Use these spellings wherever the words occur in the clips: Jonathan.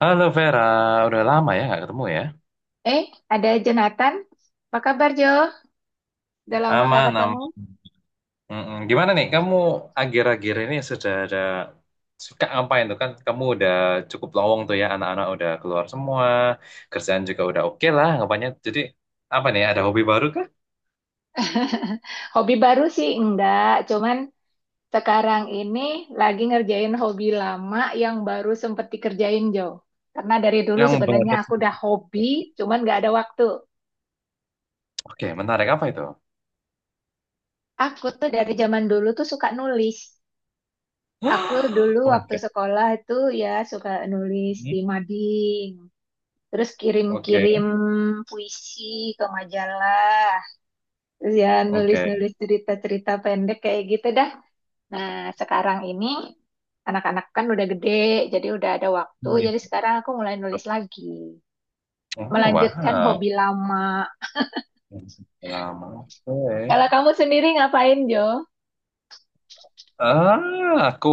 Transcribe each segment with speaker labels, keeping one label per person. Speaker 1: Halo Vera, udah lama ya nggak ketemu ya?
Speaker 2: Eh, ada Jonathan. Apa kabar, Jo? Udah lama nggak
Speaker 1: Aman, aman.
Speaker 2: ketemu.
Speaker 1: Mm-mm. Gimana nih, kamu akhir-akhir ini sudah ada suka ngapain tuh kan? Kamu udah cukup lowong tuh ya, anak-anak udah keluar semua, kerjaan juga udah oke lah, ngapainnya. Jadi apa nih, ada hobi baru kah?
Speaker 2: Hobi baru sih enggak, cuman sekarang ini lagi ngerjain hobi lama yang baru sempet dikerjain, Jo. Karena dari dulu
Speaker 1: Yang
Speaker 2: sebenarnya
Speaker 1: baru.
Speaker 2: aku udah hobi, cuman nggak ada waktu.
Speaker 1: Oke, menarik apa itu?
Speaker 2: Aku tuh dari zaman dulu tuh suka nulis. Aku dulu waktu
Speaker 1: Oke.
Speaker 2: sekolah itu ya suka nulis di
Speaker 1: Hmm.
Speaker 2: mading, terus
Speaker 1: Oke,
Speaker 2: kirim-kirim puisi ke majalah. Terus ya
Speaker 1: oke.
Speaker 2: nulis-nulis cerita-cerita pendek kayak gitu dah. Nah, sekarang ini anak-anak kan udah gede, jadi udah ada waktu.
Speaker 1: Hmm.
Speaker 2: Jadi sekarang aku mulai nulis lagi.
Speaker 1: Oh,
Speaker 2: Melanjutkan
Speaker 1: wow.
Speaker 2: hobi lama.
Speaker 1: Lama, oke.
Speaker 2: Kalau kamu sendiri ngapain, Jo?
Speaker 1: Ah, aku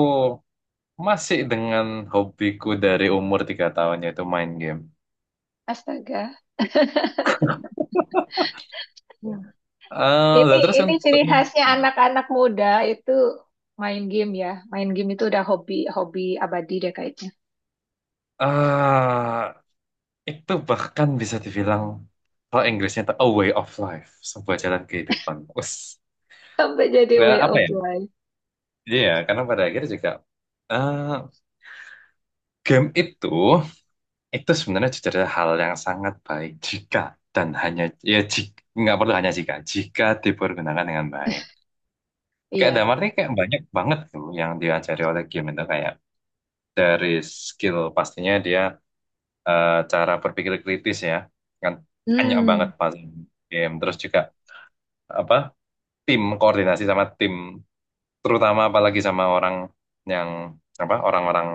Speaker 1: masih dengan hobiku dari umur 3 tahun yaitu main game.
Speaker 2: Astaga.
Speaker 1: Ya. Eh, lah
Speaker 2: Ini
Speaker 1: terus
Speaker 2: ini
Speaker 1: untuk
Speaker 2: ciri
Speaker 1: yang
Speaker 2: khasnya anak-anak muda itu main game ya. Main game itu udah hobi hobi abadi deh kayaknya.
Speaker 1: ah, itu bahkan bisa dibilang kalau Inggrisnya itu a way of life, sebuah jalan kehidupan. Us,
Speaker 2: Sampai jadi
Speaker 1: ya
Speaker 2: way
Speaker 1: apa
Speaker 2: of
Speaker 1: ya?
Speaker 2: life.
Speaker 1: Iya, karena pada akhirnya juga eh, game itu sebenarnya jujur adalah hal yang sangat baik jika dan hanya ya jika nggak perlu hanya jika jika dipergunakan dengan baik. Kayak
Speaker 2: Iya.
Speaker 1: damarnya kayak banyak banget tuh yang diajari oleh game itu kayak dari skill pastinya dia cara berpikir kritis ya kan banyak banget
Speaker 2: Hmm.
Speaker 1: pas game terus juga apa tim koordinasi sama tim terutama apalagi sama orang yang apa orang-orang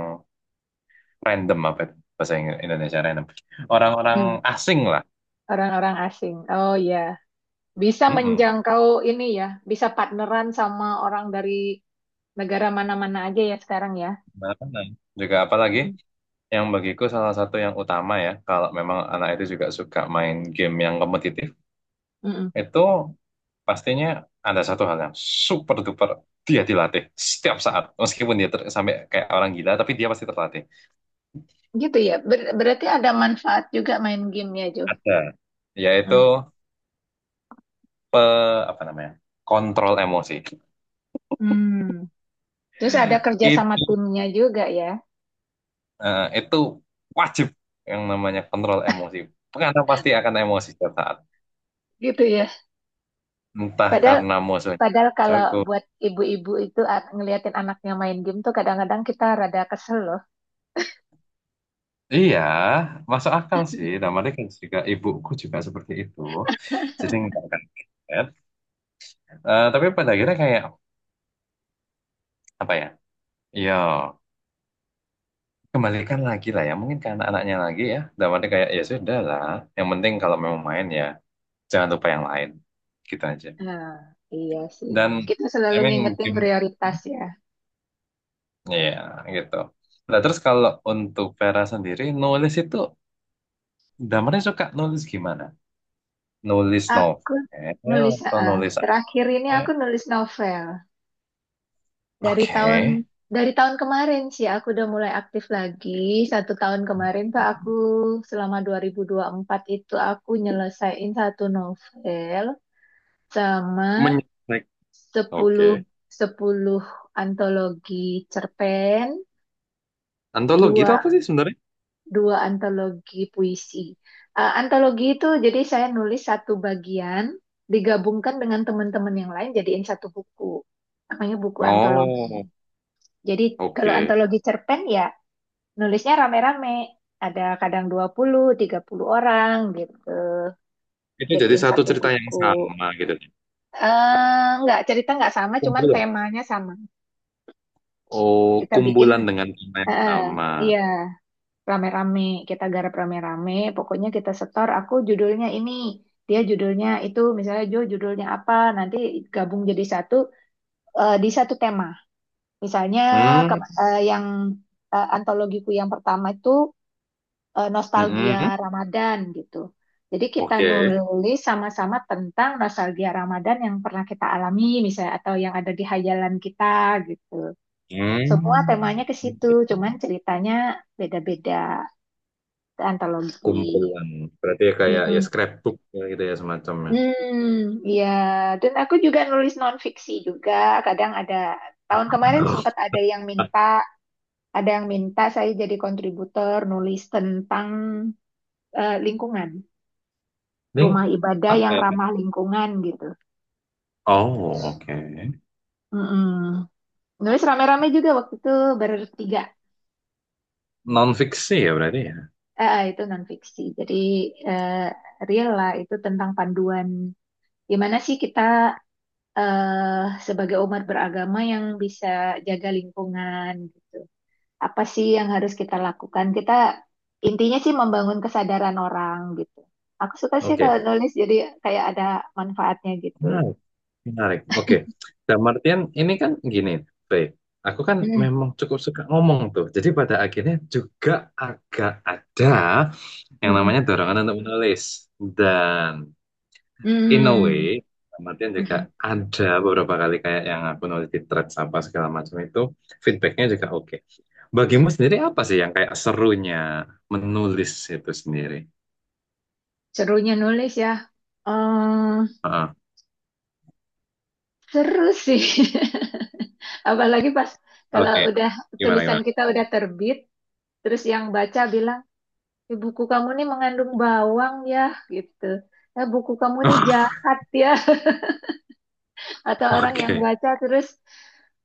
Speaker 1: random apa itu bahasa Indonesia random orang-orang
Speaker 2: Hmm.
Speaker 1: asing lah.
Speaker 2: Orang-orang asing. Oh iya. Bisa
Speaker 1: Mm-mm.
Speaker 2: menjangkau ini ya, bisa partneran sama orang dari negara mana-mana aja ya sekarang ya.
Speaker 1: Apa namanya? Juga apalagi
Speaker 2: Mm-mm.
Speaker 1: yang bagiku salah satu yang utama ya kalau memang anak itu juga suka main game yang kompetitif itu pastinya ada satu hal yang super duper dia dilatih setiap saat. Meskipun dia sampai kayak orang gila, tapi dia pasti terlatih.
Speaker 2: Gitu ya. Berarti ada manfaat juga main gamenya, Jo.
Speaker 1: Ada, yaitu
Speaker 2: Mm.
Speaker 1: eh, apa namanya? Kontrol emosi.
Speaker 2: Hmm. Terus ada kerja sama
Speaker 1: Itu
Speaker 2: timnya juga ya.
Speaker 1: itu wajib yang namanya kontrol emosi. Karena pasti akan emosi setiap saat.
Speaker 2: Gitu ya.
Speaker 1: Entah
Speaker 2: Padahal
Speaker 1: karena musuhnya
Speaker 2: padahal kalau
Speaker 1: jago.
Speaker 2: buat ibu-ibu itu ngeliatin anaknya main game tuh kadang-kadang kita rada kesel loh.
Speaker 1: Iya, masuk akal sih. Dan mereka juga ibuku juga seperti itu. Jadi nggak akan kaget. Eh, tapi pada akhirnya kayak apa ya? Iya. Kembalikan lagi lah ya, mungkin karena anaknya lagi ya. Dalamnya kayak, ya sudah lah. Yang penting kalau memang main ya, jangan lupa yang lain. Gitu aja.
Speaker 2: Nah, iya sih.
Speaker 1: Dan,
Speaker 2: Kita
Speaker 1: I
Speaker 2: selalu
Speaker 1: mean,
Speaker 2: ngingetin
Speaker 1: game,
Speaker 2: prioritas ya.
Speaker 1: ya gitu. Nah, terus kalau untuk Vera sendiri, nulis itu, damarnya suka nulis gimana? Nulis
Speaker 2: Aku
Speaker 1: novel
Speaker 2: nulis ah,
Speaker 1: atau
Speaker 2: ah.
Speaker 1: nulis apa?
Speaker 2: Terakhir ini aku nulis novel. Dari
Speaker 1: Oke.
Speaker 2: tahun dari tahun kemarin sih aku udah mulai aktif lagi. Satu tahun kemarin tuh aku selama dua ribu empat itu aku nyelesain satu novel sama
Speaker 1: Menyontek.
Speaker 2: sepuluh
Speaker 1: Oke.
Speaker 2: 10 antologi cerpen,
Speaker 1: Antologi itu
Speaker 2: dua
Speaker 1: apa sih sebenarnya?
Speaker 2: dua antologi puisi. Antologi itu jadi saya nulis satu bagian digabungkan dengan teman-teman yang lain jadiin satu buku. Namanya buku antologi.
Speaker 1: Oh,
Speaker 2: Jadi kalau
Speaker 1: oke.
Speaker 2: antologi cerpen ya nulisnya rame-rame, ada kadang 20, 30 orang gitu.
Speaker 1: Itu jadi
Speaker 2: Jadiin
Speaker 1: satu
Speaker 2: satu
Speaker 1: cerita yang
Speaker 2: buku.
Speaker 1: sama gitu.
Speaker 2: Eh nggak, cerita nggak sama, cuman
Speaker 1: Kumpulan.
Speaker 2: temanya sama.
Speaker 1: Oh,
Speaker 2: Kita bikin,
Speaker 1: kumpulan dengan tema yang
Speaker 2: eh,
Speaker 1: sama.
Speaker 2: iya, rame-rame. Kita garap rame-rame, pokoknya kita setor, aku judulnya ini, dia judulnya itu, misalnya Jo judulnya apa, nanti gabung jadi satu, di satu tema. Misalnya
Speaker 1: Hmm,
Speaker 2: kema- eh, yang antologiku yang pertama itu nostalgia
Speaker 1: mm-mm.
Speaker 2: Ramadan gitu. Jadi kita
Speaker 1: Oke.
Speaker 2: nulis sama-sama tentang nostalgia Ramadan yang pernah kita alami misalnya atau yang ada di hayalan kita gitu. Semua temanya
Speaker 1: Hmm.
Speaker 2: ke situ, cuman ceritanya beda-beda antologi.
Speaker 1: Kumpulan. Berarti ya kayak ya
Speaker 2: Mm-mm.
Speaker 1: scrapbook ya gitu ya semacamnya.
Speaker 2: Hmm, ya. Dan aku juga nulis non-fiksi juga. Kadang ada, tahun kemarin
Speaker 1: Oh,
Speaker 2: sempat ada yang minta saya jadi kontributor nulis tentang lingkungan.
Speaker 1: ini
Speaker 2: Rumah ibadah
Speaker 1: apa
Speaker 2: yang
Speaker 1: ya?
Speaker 2: ramah lingkungan gitu.
Speaker 1: Oh, oke.
Speaker 2: Mm-mm. Nulis rame-rame juga waktu itu bertiga.
Speaker 1: Non fiksi ya berarti ya.
Speaker 2: Itu non fiksi. Jadi eh, real lah itu tentang panduan gimana sih kita sebagai umat beragama yang bisa jaga lingkungan gitu. Apa sih yang harus kita lakukan? Kita intinya sih membangun kesadaran orang gitu. Aku suka sih kalau
Speaker 1: Oke.
Speaker 2: nulis jadi kayak ada manfaatnya gitu.
Speaker 1: Nah, menarik. Oke. Dalam artian ini kan gini, Frey. Aku kan
Speaker 2: Mm,
Speaker 1: memang cukup suka ngomong tuh. Jadi pada akhirnya juga agak ada yang
Speaker 2: mm,
Speaker 1: namanya dorongan untuk menulis. Dan in a way,
Speaker 2: mm,
Speaker 1: dalam artian
Speaker 2: mm,
Speaker 1: juga
Speaker 2: mm.
Speaker 1: ada beberapa kali kayak yang aku nulis di threads apa segala macam itu, feedbacknya juga oke. Bagimu sendiri apa sih yang kayak serunya menulis itu sendiri?
Speaker 2: Serunya nulis ya. Eh,
Speaker 1: Heeh.
Speaker 2: Seru sih. Apalagi pas kalau
Speaker 1: Oke.
Speaker 2: udah
Speaker 1: Gimana,
Speaker 2: tulisan
Speaker 1: gimana?
Speaker 2: kita udah terbit, terus yang baca bilang, "Eh, buku kamu nih mengandung bawang ya," gitu. "Eh, buku kamu nih jahat ya." Atau orang yang
Speaker 1: Oke.
Speaker 2: baca terus,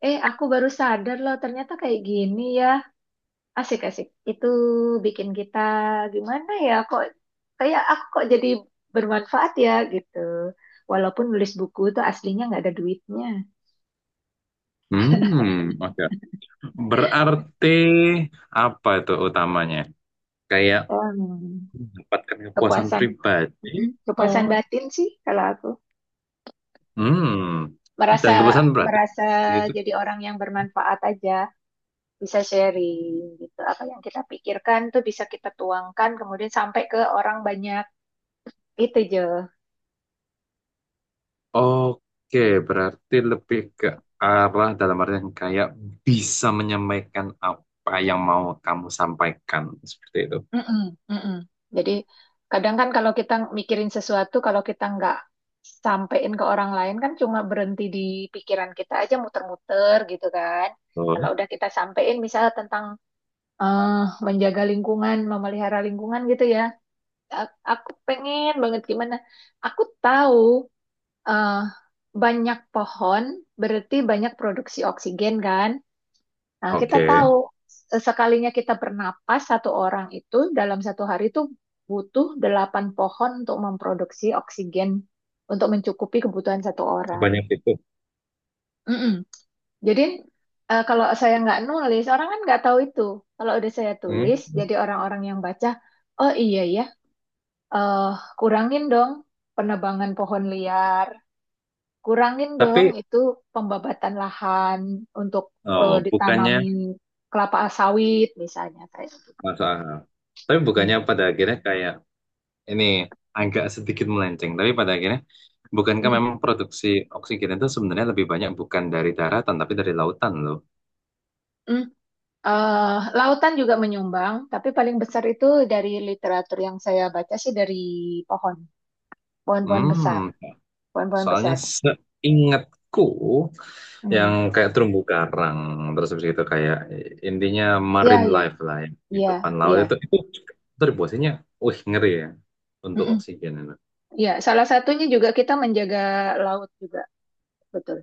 Speaker 2: aku baru sadar loh ternyata kayak gini ya. Asik, asik. Itu bikin kita gimana ya? Kok kayak aku kok jadi bermanfaat ya gitu. Walaupun nulis buku itu aslinya nggak ada duitnya.
Speaker 1: Hmm, oke, berarti apa itu utamanya? Kayak
Speaker 2: Hmm,
Speaker 1: mendapatkan kepuasan
Speaker 2: kepuasan.
Speaker 1: pribadi.
Speaker 2: Mm,
Speaker 1: Oh.
Speaker 2: kepuasan batin sih kalau aku
Speaker 1: Hmm. Dan
Speaker 2: merasa
Speaker 1: kepuasan berarti
Speaker 2: merasa
Speaker 1: itu.
Speaker 2: jadi orang yang bermanfaat aja, bisa sharing gitu. Apa yang kita pikirkan tuh bisa kita tuangkan kemudian sampai ke orang banyak. Itu, Jo.
Speaker 1: Oke, berarti lebih ke arah dalam artian kayak bisa menyampaikan apa yang mau kamu sampaikan seperti itu.
Speaker 2: Mm-mm, mm-mm. Jadi kadang kan kalau kita mikirin sesuatu, kalau kita nggak sampein ke orang lain kan cuma berhenti di pikiran kita aja muter-muter gitu kan.
Speaker 1: Oh,
Speaker 2: Kalau udah kita sampein misalnya tentang eh, menjaga lingkungan, memelihara lingkungan gitu ya. Aku pengen banget gimana. Aku tahu eh, banyak pohon berarti banyak produksi oksigen kan. Nah, kita
Speaker 1: oke.
Speaker 2: tahu sekalinya kita bernapas satu orang itu dalam satu hari itu butuh delapan pohon untuk memproduksi oksigen untuk mencukupi kebutuhan satu orang.
Speaker 1: Sebanyak itu.
Speaker 2: Mm-mm. Jadi kalau saya nggak nulis, orang kan nggak tahu itu. Kalau udah saya
Speaker 1: Hmm.
Speaker 2: tulis, jadi orang-orang yang baca, oh iya ya, eh, kurangin dong penebangan pohon liar, kurangin dong
Speaker 1: Tapi.
Speaker 2: itu pembabatan lahan untuk
Speaker 1: Oh, bukannya.
Speaker 2: ditanamin kelapa sawit misalnya kayak.
Speaker 1: Masuk akal. Tapi
Speaker 2: Hmm.
Speaker 1: bukannya pada akhirnya kayak ini agak sedikit melenceng, tapi pada akhirnya bukankah
Speaker 2: Mm,
Speaker 1: memang produksi oksigen itu sebenarnya lebih banyak bukan dari daratan tapi dari lautan loh.
Speaker 2: mm. Lautan juga menyumbang, tapi paling besar itu dari literatur yang saya baca sih dari pohon, pohon-pohon besar,
Speaker 1: Hmm,
Speaker 2: pohon-pohon
Speaker 1: soalnya
Speaker 2: besar.
Speaker 1: seingatku yang
Speaker 2: Hmm.
Speaker 1: kayak terumbu karang terus habis itu kayak intinya marine
Speaker 2: Ya, ya,
Speaker 1: life lah ya, kehidupan
Speaker 2: ya,
Speaker 1: laut itu
Speaker 2: ya.
Speaker 1: itu kontribusinya, wih ngeri ya untuk
Speaker 2: Mm-mm.
Speaker 1: oksigen itu.
Speaker 2: Ya, salah satunya juga kita menjaga laut juga, betul.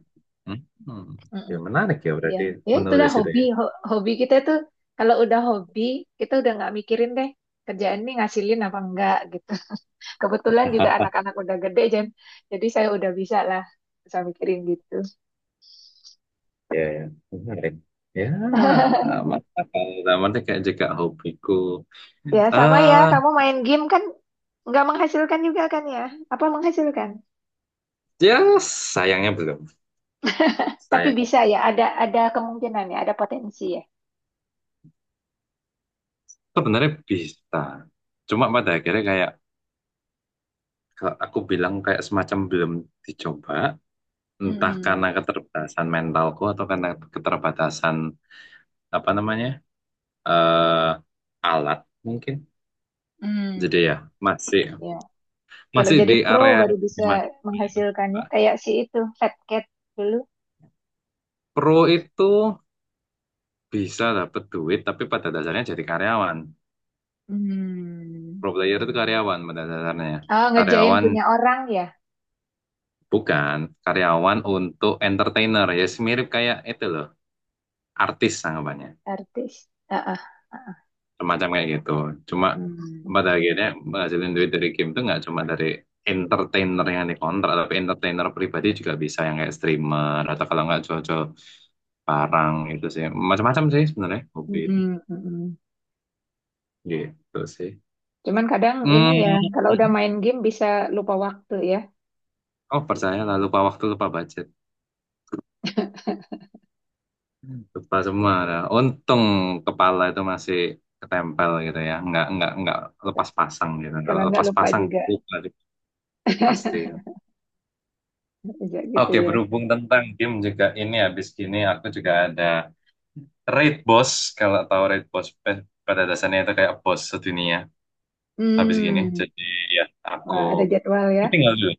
Speaker 1: Hmm, ya
Speaker 2: Mm-mm.
Speaker 1: menarik ya
Speaker 2: Ya,
Speaker 1: berarti
Speaker 2: ya itu udah
Speaker 1: menulis itu
Speaker 2: hobi.
Speaker 1: ya.
Speaker 2: Hobi kita itu kalau udah hobi kita udah nggak mikirin deh kerjaan ini ngasilin apa enggak gitu. Kebetulan juga anak-anak udah gede, Jen. Jadi saya udah bisa lah, bisa mikirin gitu.
Speaker 1: Ya, ya. Menarik. Ya, mantap. Namanya kayak juga hobiku.
Speaker 2: Ya, sama ya.
Speaker 1: Ah,
Speaker 2: Kamu main game kan nggak menghasilkan juga kan ya? Apa menghasilkan?
Speaker 1: ya sayangnya belum.
Speaker 2: Tapi
Speaker 1: Sayangnya
Speaker 2: bisa ya. Ada kemungkinan ya. Ada potensi ya.
Speaker 1: sebenarnya bisa. Cuma pada akhirnya kayak kalau aku bilang kayak semacam belum dicoba, entah
Speaker 2: Mm-mm.
Speaker 1: karena keterbatasan mentalku atau karena keterbatasan apa namanya? eh alat mungkin. Jadi
Speaker 2: Mm.
Speaker 1: ya, masih
Speaker 2: Ya. Kalau
Speaker 1: masih
Speaker 2: jadi
Speaker 1: di
Speaker 2: pro
Speaker 1: area
Speaker 2: baru bisa
Speaker 1: gimana?
Speaker 2: menghasilkannya. Kayak si itu Fat Cat dulu.
Speaker 1: Pro itu bisa dapat duit tapi pada dasarnya jadi karyawan,
Speaker 2: Mm.
Speaker 1: pro player itu karyawan pada dasarnya,
Speaker 2: Ah, ngerjain
Speaker 1: karyawan,
Speaker 2: punya orang ya,
Speaker 1: bukan karyawan untuk entertainer ya, mirip kayak itu loh, artis anggapannya,
Speaker 2: artis. Ah, ah.
Speaker 1: semacam kayak gitu. Cuma
Speaker 2: Mm.
Speaker 1: pada akhirnya menghasilkan duit dari game itu nggak cuma dari entertainer yang dikontrak tapi entertainer pribadi juga bisa yang kayak streamer atau kalau nggak cocok jual barang itu sih, macam-macam sih sebenarnya hobi itu.
Speaker 2: Mm-mm. Mm-mm.
Speaker 1: Gitu sih.
Speaker 2: Cuman kadang ini ya,
Speaker 1: Hmm.
Speaker 2: kalau udah
Speaker 1: Hmm.
Speaker 2: main game bisa lupa waktu ya.
Speaker 1: Oh, percaya lah lupa waktu lupa budget. Hmm. Lupa semua. Nah, untung kepala itu masih ketempel gitu ya, nggak lepas pasang gitu. Kalau
Speaker 2: Kalau nggak
Speaker 1: lepas
Speaker 2: lupa
Speaker 1: pasang
Speaker 2: juga,
Speaker 1: lupa deh, pasti.
Speaker 2: bisa gitu
Speaker 1: Oke,
Speaker 2: ya.
Speaker 1: berhubung tentang game juga ini habis gini aku juga ada Raid Boss. Kalau tahu Raid Boss pada dasarnya itu kayak boss sedunia habis gini.
Speaker 2: Hmm,
Speaker 1: Jadi ya aku
Speaker 2: wah, ada jadwal ya.
Speaker 1: tinggal dulu.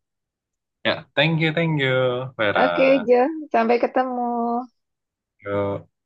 Speaker 1: Ya, thank you, Vera.
Speaker 2: Oke, Jo, sampai ketemu.
Speaker 1: Yo.